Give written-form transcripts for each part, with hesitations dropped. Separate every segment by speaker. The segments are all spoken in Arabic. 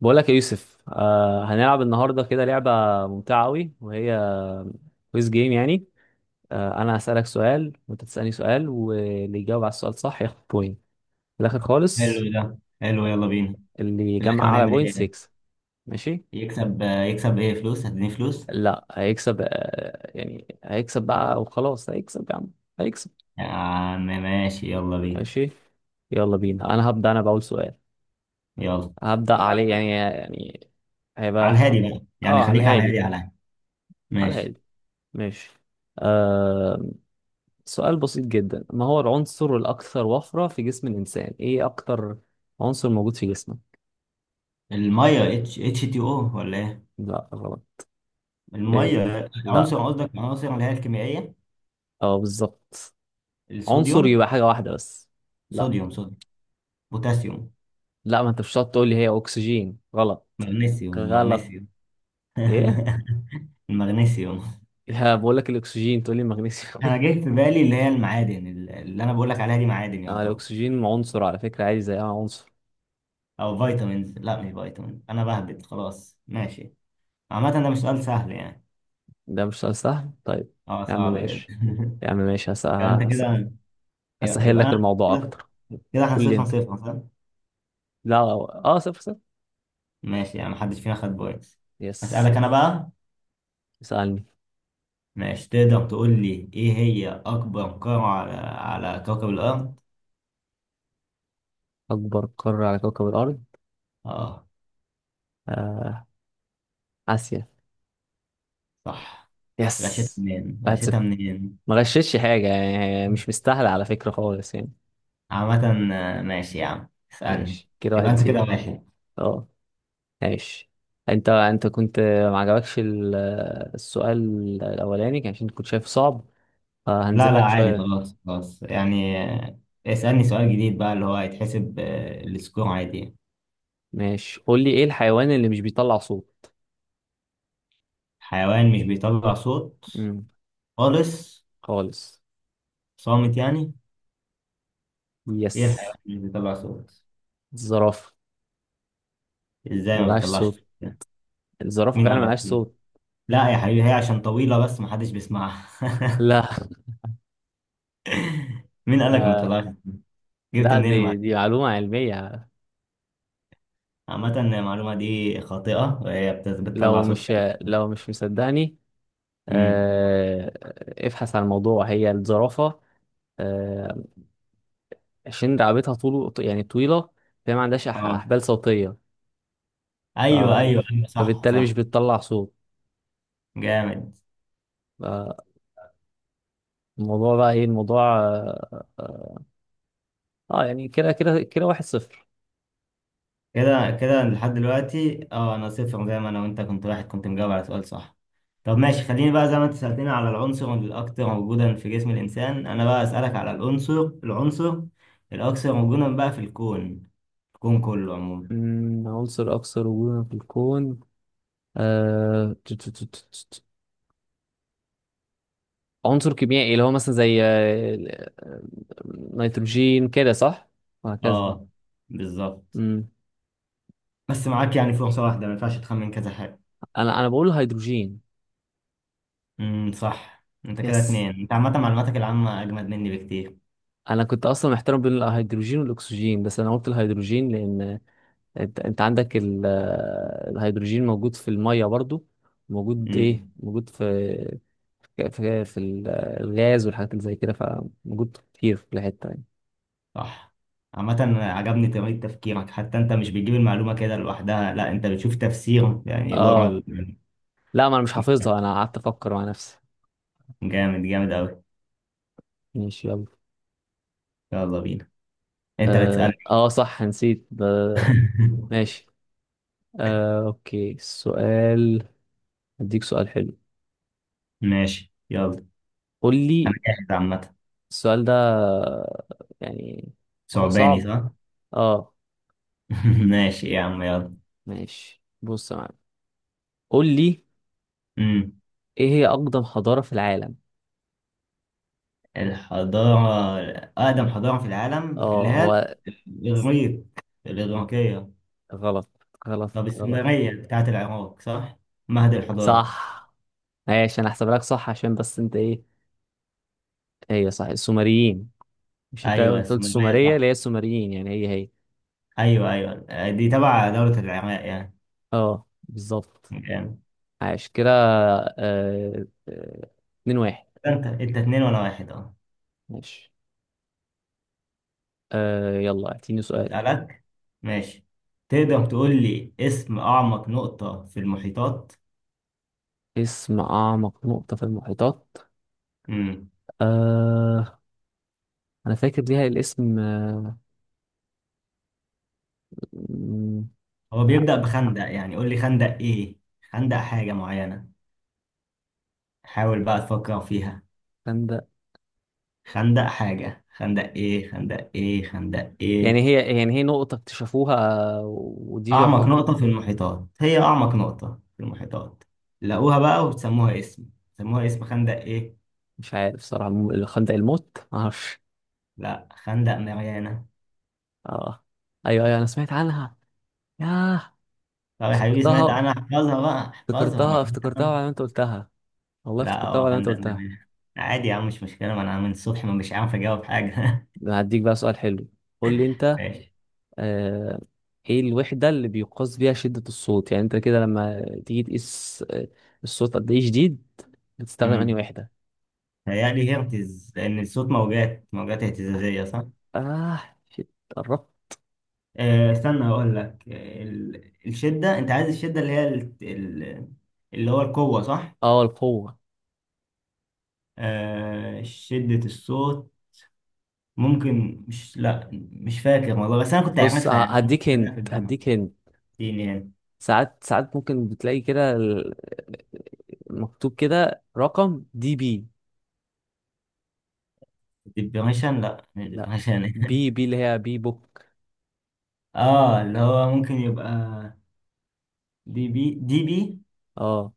Speaker 1: بقولك يا يوسف، هنلعب النهارده كده لعبة ممتعة أوي. وهي كويز جيم يعني. أنا هسألك سؤال وأنت تسألني سؤال، واللي يجاوب على السؤال صح ياخد بوينت في الآخر خالص.
Speaker 2: حلو، ده حلو. يلا بينا.
Speaker 1: اللي
Speaker 2: في
Speaker 1: يجمع
Speaker 2: الاخر
Speaker 1: أعلى
Speaker 2: هنعمل ايه
Speaker 1: بوينت
Speaker 2: يعني؟
Speaker 1: يكسب. ماشي؟
Speaker 2: يكسب ايه، فلوس؟ هتديني فلوس؟
Speaker 1: لا هيكسب، يعني هيكسب بقى، وخلاص هيكسب يا عم، هيكسب.
Speaker 2: يا عم ماشي، يلا بينا.
Speaker 1: ماشي، يلا بينا، أنا هبدأ، أنا بأول سؤال.
Speaker 2: يلا
Speaker 1: هبدأ عليه يعني يعني
Speaker 2: على
Speaker 1: هيبقى.
Speaker 2: الهادي بقى يعني،
Speaker 1: اه، على
Speaker 2: خليك على الهادي
Speaker 1: الهادي
Speaker 2: على الهادي.
Speaker 1: على
Speaker 2: ماشي.
Speaker 1: الهادي. ماشي. آه، سؤال بسيط جدا. ما هو العنصر الأكثر وفرة في جسم الإنسان؟ إيه أكتر عنصر موجود في جسمه؟
Speaker 2: الميه، اتش اتش تي او، ولا ايه؟
Speaker 1: لا، غلط. إيه؟
Speaker 2: الميه
Speaker 1: لا،
Speaker 2: عنصر، قصدك العناصر اللي هي الكيميائيه.
Speaker 1: بالظبط. عنصر
Speaker 2: الصوديوم.
Speaker 1: يبقى حاجة واحدة بس. لا.
Speaker 2: صوديوم، صوديوم، بوتاسيوم،
Speaker 1: لا، ما أنت مش هتقعد تقول لي، هي أكسجين. غلط.
Speaker 2: مغنيسيوم،
Speaker 1: غلط.
Speaker 2: مغنيسيوم.
Speaker 1: إيه؟
Speaker 2: المغنيسيوم.
Speaker 1: يا بقول لك الأكسجين، تقول لي المغنيسيوم.
Speaker 2: انا جه في بالي اللي هي المعادن، اللي انا بقول لك عليها دي معادن يعتبر.
Speaker 1: الأكسجين عنصر على فكرة، عادي زي أي عنصر.
Speaker 2: او فيتامينز، لا مش فيتامين، انا بهبد خلاص. ماشي. عامة ده مش سؤال سهل يعني.
Speaker 1: ده مش سؤال سهل، طيب.
Speaker 2: اه،
Speaker 1: يا عم
Speaker 2: صعب جدا.
Speaker 1: ماشي. يا عم ماشي.
Speaker 2: يبقى انت كده. يبقى
Speaker 1: هسهل
Speaker 2: يبقى
Speaker 1: لك
Speaker 2: انا
Speaker 1: الموضوع
Speaker 2: كده،
Speaker 1: أكتر.
Speaker 2: كده احنا
Speaker 1: قول لي
Speaker 2: صفر
Speaker 1: أنت.
Speaker 2: صفر صح؟
Speaker 1: لا، أه آه، صفر صفر.
Speaker 2: ماشي، يعني محدش فينا خد بوينتس.
Speaker 1: يس.
Speaker 2: اسألك انا بقى.
Speaker 1: اسألني.
Speaker 2: ماشي، تقدر تقول لي ايه هي اكبر قارة على على كوكب الارض؟
Speaker 1: أكبر قارة على كوكب الأرض؟
Speaker 2: اه
Speaker 1: آه. آسيا.
Speaker 2: صح. غشيتها
Speaker 1: يس.
Speaker 2: منين؟
Speaker 1: واحد صفر.
Speaker 2: غشيتها منين؟
Speaker 1: ما غششش حاجة يعني، مش مستاهلة على فكرة خالص يعني.
Speaker 2: عامة ماشي يا عم اسألني.
Speaker 1: ماشي كده،
Speaker 2: يبقى
Speaker 1: واحد
Speaker 2: انت كده
Speaker 1: زيرو.
Speaker 2: 1.
Speaker 1: اه. ماشي. انت كنت ما عجبكش السؤال الأولاني، كان عشان كنت شايف صعب،
Speaker 2: لا
Speaker 1: فهنزل
Speaker 2: لا
Speaker 1: لك
Speaker 2: عادي،
Speaker 1: شوية.
Speaker 2: خلاص خلاص يعني. اسألني سؤال جديد بقى، اللي هو هيتحسب السكور عادي يعني.
Speaker 1: ماشي، قول لي، ايه الحيوان اللي مش بيطلع صوت؟
Speaker 2: حيوان مش بيطلع صوت
Speaker 1: امم.
Speaker 2: خالص،
Speaker 1: خالص.
Speaker 2: صامت يعني.
Speaker 1: يس.
Speaker 2: ايه الحيوان اللي مش بيطلع صوت؟
Speaker 1: الزرافة.
Speaker 2: ازاي ما
Speaker 1: ملهاش
Speaker 2: بيطلعش صوت
Speaker 1: صوت.
Speaker 2: يعني؟
Speaker 1: الزرافة
Speaker 2: مين
Speaker 1: فعلا
Speaker 2: قالك؟
Speaker 1: ملهاش
Speaker 2: مين؟
Speaker 1: صوت.
Speaker 2: لا يا حبيبي، هي عشان طويلة بس محدش بيسمعها.
Speaker 1: لا.
Speaker 2: مين قالك ما
Speaker 1: آه.
Speaker 2: بيطلعش صوت؟ جبت
Speaker 1: لا،
Speaker 2: منين
Speaker 1: دي
Speaker 2: المعلومة؟
Speaker 1: دي معلومة علمية.
Speaker 2: عامة المعلومة دي خاطئة، وهي بتطلع
Speaker 1: لو
Speaker 2: صوت
Speaker 1: مش
Speaker 2: فعلا.
Speaker 1: لو مش مصدقني،
Speaker 2: امم،
Speaker 1: آه، ابحث عن الموضوع. هي الزرافة، آه، عشان رقبتها طول، يعني طويلة، فهي ما عندهاش
Speaker 2: اه.
Speaker 1: أحبال صوتية. ف-
Speaker 2: ايوه ايوه ايوه، صح
Speaker 1: فبالتالي مش
Speaker 2: صح.
Speaker 1: بتطلع صوت.
Speaker 2: جامد.
Speaker 1: آه، الموضوع بقى ايه الموضوع. يعني كده كده كده، واحد صفر.
Speaker 2: كده كده لحد دلوقتي، اه، انا صفر، زي ما انا وانت كنت واحد، كنت مجاوب على سؤال صح. طب ماشي، خليني بقى زي ما انت سألتني على العنصر الأكثر وجودا في جسم الإنسان، أنا بقى أسألك على العنصر الأكثر وجودا بقى في الكون. الكون كله عموما.
Speaker 1: عنصر أكثر وجودا في الكون. آه، ت- ت- ت- ت- ت- عنصر كيميائي، اللي هو مثلا زي آه، نيتروجين كده، صح؟ وهكذا.
Speaker 2: اه بالظبط. بس معاك يعني فرصة واحدة، ما ينفعش تخمن كذا حاجة.
Speaker 1: انا بقول الهيدروجين.
Speaker 2: صح، انت كده
Speaker 1: يس.
Speaker 2: 2. انت عامة معلوماتك العامة أجمد مني بكتير.
Speaker 1: انا كنت اصلا محتار بين الهيدروجين والاكسجين، بس انا قلت الهيدروجين لان انت عندك الهيدروجين موجود في الميه برضو، موجود ايه،
Speaker 2: امم
Speaker 1: موجود في الغاز والحاجات اللي زي كده، فموجود كتير في كل حته يعني.
Speaker 2: صح. عامة عجبني طريقة تفكيرك، حتى انت مش بتجيب المعلومة كده لوحدها، لا انت بتشوف تفسير يعني ورا
Speaker 1: اه، لا، ما انا مش حافظها، انا قعدت افكر مع نفسي.
Speaker 2: جامد، جامد اوي.
Speaker 1: ماشي يلا.
Speaker 2: يلا بينا. انت اللي تسألني.
Speaker 1: صح، نسيت ماشي. اوكي، السؤال. اديك سؤال حلو.
Speaker 2: ماشي يلا،
Speaker 1: قول
Speaker 2: انا
Speaker 1: لي.
Speaker 2: جاهز عامة.
Speaker 1: السؤال ده يعني، هو
Speaker 2: ثعباني
Speaker 1: صعب.
Speaker 2: صح؟
Speaker 1: اه
Speaker 2: ماشي يا عم يلا.
Speaker 1: ماشي، بص يا معلم. قول لي
Speaker 2: امم،
Speaker 1: ايه هي اقدم حضارة في العالم.
Speaker 2: الحضارة. أقدم حضارة في العالم اللي
Speaker 1: اه
Speaker 2: هي
Speaker 1: هو
Speaker 2: الإغريق، الإغريقية.
Speaker 1: غلط. غلط.
Speaker 2: طب
Speaker 1: غلط.
Speaker 2: السومرية بتاعت العراق صح؟ مهد الحضارة.
Speaker 1: صح. ماشي، انا هحسب لك صح، عشان بس انت ايه، هي صح السومريين. مش انت
Speaker 2: أيوه
Speaker 1: قلت
Speaker 2: السومرية
Speaker 1: السومرية اللي
Speaker 2: صح.
Speaker 1: هي السومريين، يعني هي هي.
Speaker 2: أيوه أيوه، دي تبع دولة العراق يعني.
Speaker 1: اه بالظبط.
Speaker 2: جامد.
Speaker 1: عاش كده. آه، آه، اتنين واحد.
Speaker 2: انت انت 2-1، اه.
Speaker 1: ماشي. يلا اعطيني سؤال.
Speaker 2: سألك. ماشي، تقدر تقول لي اسم أعمق نقطة في المحيطات؟
Speaker 1: اسم اعمق نقطة في المحيطات.
Speaker 2: امم،
Speaker 1: آه، انا فاكر ليها الاسم. م-
Speaker 2: هو
Speaker 1: آه،
Speaker 2: بيبدأ بخندق، يعني قول لي خندق ايه؟ خندق حاجة معينة، حاول بقى تفكر فيها.
Speaker 1: كان ده،
Speaker 2: خندق حاجة، خندق ايه؟ خندق ايه؟ خندق ايه؟
Speaker 1: يعني هي نقطة اكتشفوها، آه، ودي
Speaker 2: أعمق
Speaker 1: جعفر.
Speaker 2: نقطة في المحيطات، هي أعمق نقطة في المحيطات لقوها بقى وبتسموها اسم، سموها اسم خندق ايه؟
Speaker 1: مش عارف صراحة، خندق الموت، معرفش.
Speaker 2: لا، خندق ماريانا.
Speaker 1: اه ايوه، ايوه، انا سمعت عنها. ياه،
Speaker 2: طب يا حبيبي سمعت
Speaker 1: افتكرتها،
Speaker 2: عنها، احفظها بقى، احفظها
Speaker 1: افتكرتها
Speaker 2: معلومات.
Speaker 1: افتكرتها، وعلى ما انت قلتها. والله
Speaker 2: لا
Speaker 1: افتكرتها
Speaker 2: هو
Speaker 1: وعلى ما انت
Speaker 2: هندق ده.
Speaker 1: قلتها.
Speaker 2: عادي يا عم مش مشكلة، ما أنا من الصبح ما مش عارف أجاوب حاجة.
Speaker 1: أنا هديك بقى سؤال حلو، قول لي انت.
Speaker 2: ماشي.
Speaker 1: آه، ايه الوحدة اللي بيقاس بيها شدة الصوت؟ يعني انت كده لما تيجي تقيس الصوت قد ايه شديد، بتستخدم انهي
Speaker 2: امم،
Speaker 1: وحدة؟
Speaker 2: هيقلي هرتز، لأن الصوت موجات، موجات اهتزازية صح؟
Speaker 1: اه شيت، قربت.
Speaker 2: أه استنى هقول لك، آه، ال- الشدة أنت عايز الشدة اللي هي اللي هو القوة صح؟
Speaker 1: اه، القوة.
Speaker 2: أه شدة الصوت. ممكن، مش، لا مش فاكر والله، بس أنا كنت
Speaker 1: بص
Speaker 2: عارفها يعني، أنا
Speaker 1: هديك
Speaker 2: كنت أدرسها
Speaker 1: هنت،
Speaker 2: في الجامعة.
Speaker 1: هديك هنت.
Speaker 2: اديني يعني.
Speaker 1: ساعات ساعات ممكن بتلاقي كده مكتوب كده، رقم دي بي.
Speaker 2: ديبريشن. لا مش
Speaker 1: لا،
Speaker 2: ديبريشن.
Speaker 1: بي بي، اللي هي بي بوك.
Speaker 2: اه اللي هو ممكن يبقى دي بي، دي بي.
Speaker 1: اه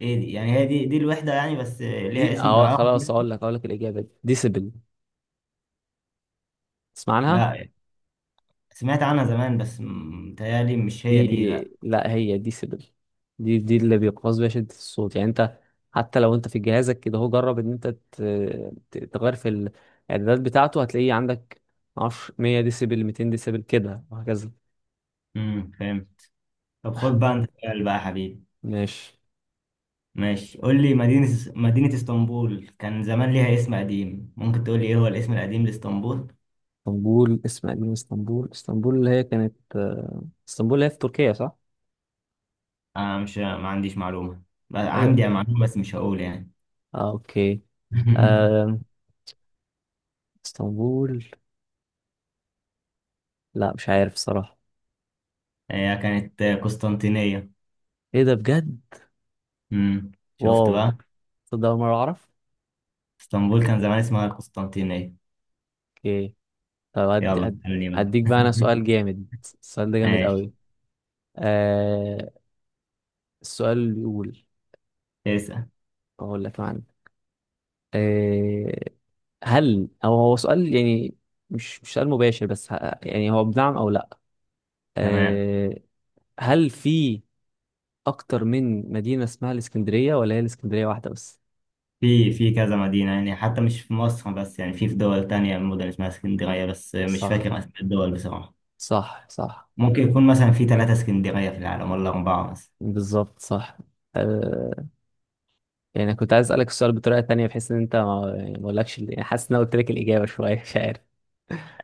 Speaker 2: ايه دي يعني؟ هي دي الوحدة يعني، بس ليها
Speaker 1: دي.
Speaker 2: اسم
Speaker 1: اه
Speaker 2: بالعربي
Speaker 1: خلاص،
Speaker 2: كده؟
Speaker 1: اقول لك، الإجابة دي ديسبل، تسمع عنها؟
Speaker 2: لا، سمعت عنها زمان بس متهيألي مش هي
Speaker 1: دي،
Speaker 2: دي، لا.
Speaker 1: لا، هي ديسبل. دي اللي بيقاس بيها شدة الصوت، يعني انت حتى لو انت في جهازك كده، هو جرب ان انت تغير في الاعدادات بتاعته، هتلاقيه عندك، معرفش، 100 ديسبل، 200 ديسبل، كده وهكذا.
Speaker 2: فاهم. طب خد بقى انت سؤال بقى يا حبيبي.
Speaker 1: ماشي.
Speaker 2: ماشي قول لي، مدينة، مدينة اسطنبول كان زمان ليها اسم قديم، ممكن تقول لي ايه هو الاسم القديم لاسطنبول؟
Speaker 1: اسطنبول اسم قديم. اسطنبول. اللي هي كانت آه، اسطنبول اللي هي في تركيا صح؟
Speaker 2: آه مش ما عنديش معلومة، بقى
Speaker 1: ايوه.
Speaker 2: عندي معلومة بس مش هقول يعني.
Speaker 1: اوكي. آه. اسطنبول. لا، مش عارف صراحة.
Speaker 2: هي كانت قسطنطينية.
Speaker 1: ايه ده بجد؟
Speaker 2: امم، شفت
Speaker 1: واو.
Speaker 2: بقى،
Speaker 1: تصدق أول مرة أعرف؟
Speaker 2: اسطنبول كان زمان اسمها القسطنطينية.
Speaker 1: اوكي. طب أدي،
Speaker 2: يلا
Speaker 1: أدي،
Speaker 2: اسألني بقى.
Speaker 1: أديك بقى أنا سؤال جامد. السؤال ده جامد
Speaker 2: ماشي،
Speaker 1: قوي. آه. السؤال بيقول،
Speaker 2: اسأل.
Speaker 1: أقول لك معنى. آه. هل أو هو سؤال يعني، مش سؤال مباشر، بس يعني هو بنعم أو لأ.
Speaker 2: تمام،
Speaker 1: آه. هل في اكتر من مدينة اسمها الاسكندرية، ولا هي الاسكندرية واحدة بس؟
Speaker 2: في كذا مدينة يعني، حتى مش في مصر بس، يعني في دول تانية مدن اسمها اسكندرية، بس مش
Speaker 1: صح،
Speaker 2: فاكر أسماء الدول بصراحة.
Speaker 1: صح، صح.
Speaker 2: ممكن يكون مثلا في 3 اسكندرية في العالم ولا 4 مثلا.
Speaker 1: بالظبط صح. أه، يعني أنا كنت عايز اسألك السؤال بطريقة تانية، بحيث ان انت ما يعني، ما اقولكش يعني حاسس ان انا قلت لك الإجابة شوية. مش عارف.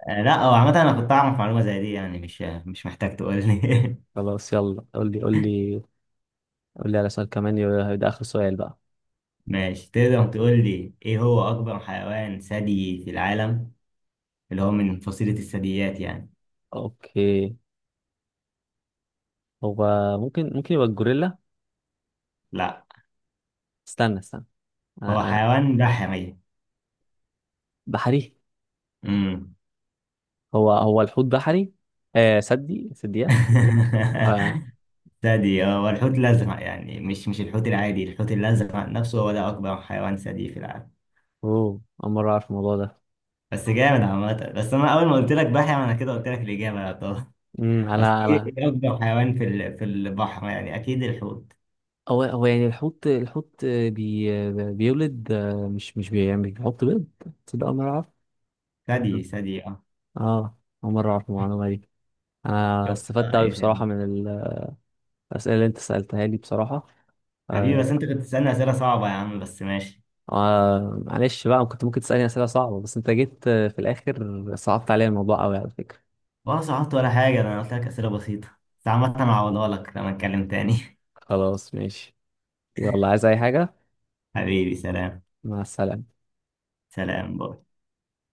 Speaker 2: لا هو عامة أنا كنت أعرف معلومة زي دي يعني، مش محتاج تقول لي.
Speaker 1: خلاص يلا، قول لي، قول لي، قول لي على سؤال كمان. ده آخر سؤال بقى.
Speaker 2: ماشي، تقدر تقول لي إيه هو أكبر حيوان ثدي في العالم، اللي هو من فصيلة الثدييات يعني؟
Speaker 1: اوكي. هو، ممكن، ممكن يبقى الجوريلا.
Speaker 2: لا.
Speaker 1: استنى استنى. أه.
Speaker 2: هو
Speaker 1: أه.
Speaker 2: حيوان بحري.
Speaker 1: بحري.
Speaker 2: امم.
Speaker 1: هو هو الحوت بحري. سدي، سديات. آه.
Speaker 2: ثدي اه، والحوت الازرق يعني، مش الحوت العادي، الحوت الازرق نفسه هو ده اكبر حيوان ثدي في العالم.
Speaker 1: اوه، اول مرة اعرف الموضوع ده.
Speaker 2: بس جامد عامة، بس انا اول ما قلت لك بحر انا كده قلت لك الاجابه يا طه.
Speaker 1: امم، على
Speaker 2: اصل ايه،
Speaker 1: على
Speaker 2: إيه اكبر حيوان في البحر يعني، اكيد الحوت.
Speaker 1: هو، هو يعني الحوت، بيولد، مش بيعمل، بيحط بيض. تصدق أول مرة أعرف.
Speaker 2: ثدي، ثدي اه.
Speaker 1: اه، أول مرة أعرف المعلومة دي. أنا
Speaker 2: شفت
Speaker 1: استفدت
Speaker 2: اه،
Speaker 1: أوي
Speaker 2: ايه
Speaker 1: بصراحة
Speaker 2: خدمة.
Speaker 1: من الأسئلة اللي أنت سألتها لي بصراحة.
Speaker 2: حبيبي بس
Speaker 1: آه.
Speaker 2: انت كنت بتسالني اسئله صعبه يا عم، بس ماشي.
Speaker 1: معلش بقى، كنت ممكن تسألني أسئلة صعبة، بس أنت جيت في الآخر صعبت عليا الموضوع أوي على فكرة.
Speaker 2: ولا صعبت ولا حاجه، ده انا قلت لك اسئله بسيطه، بس عامة انا هعوضها لك لما نتكلم تاني.
Speaker 1: خلاص ماشي. يلا عايز أي حاجة؟
Speaker 2: حبيبي سلام.
Speaker 1: مع السلامة.
Speaker 2: سلام، باي.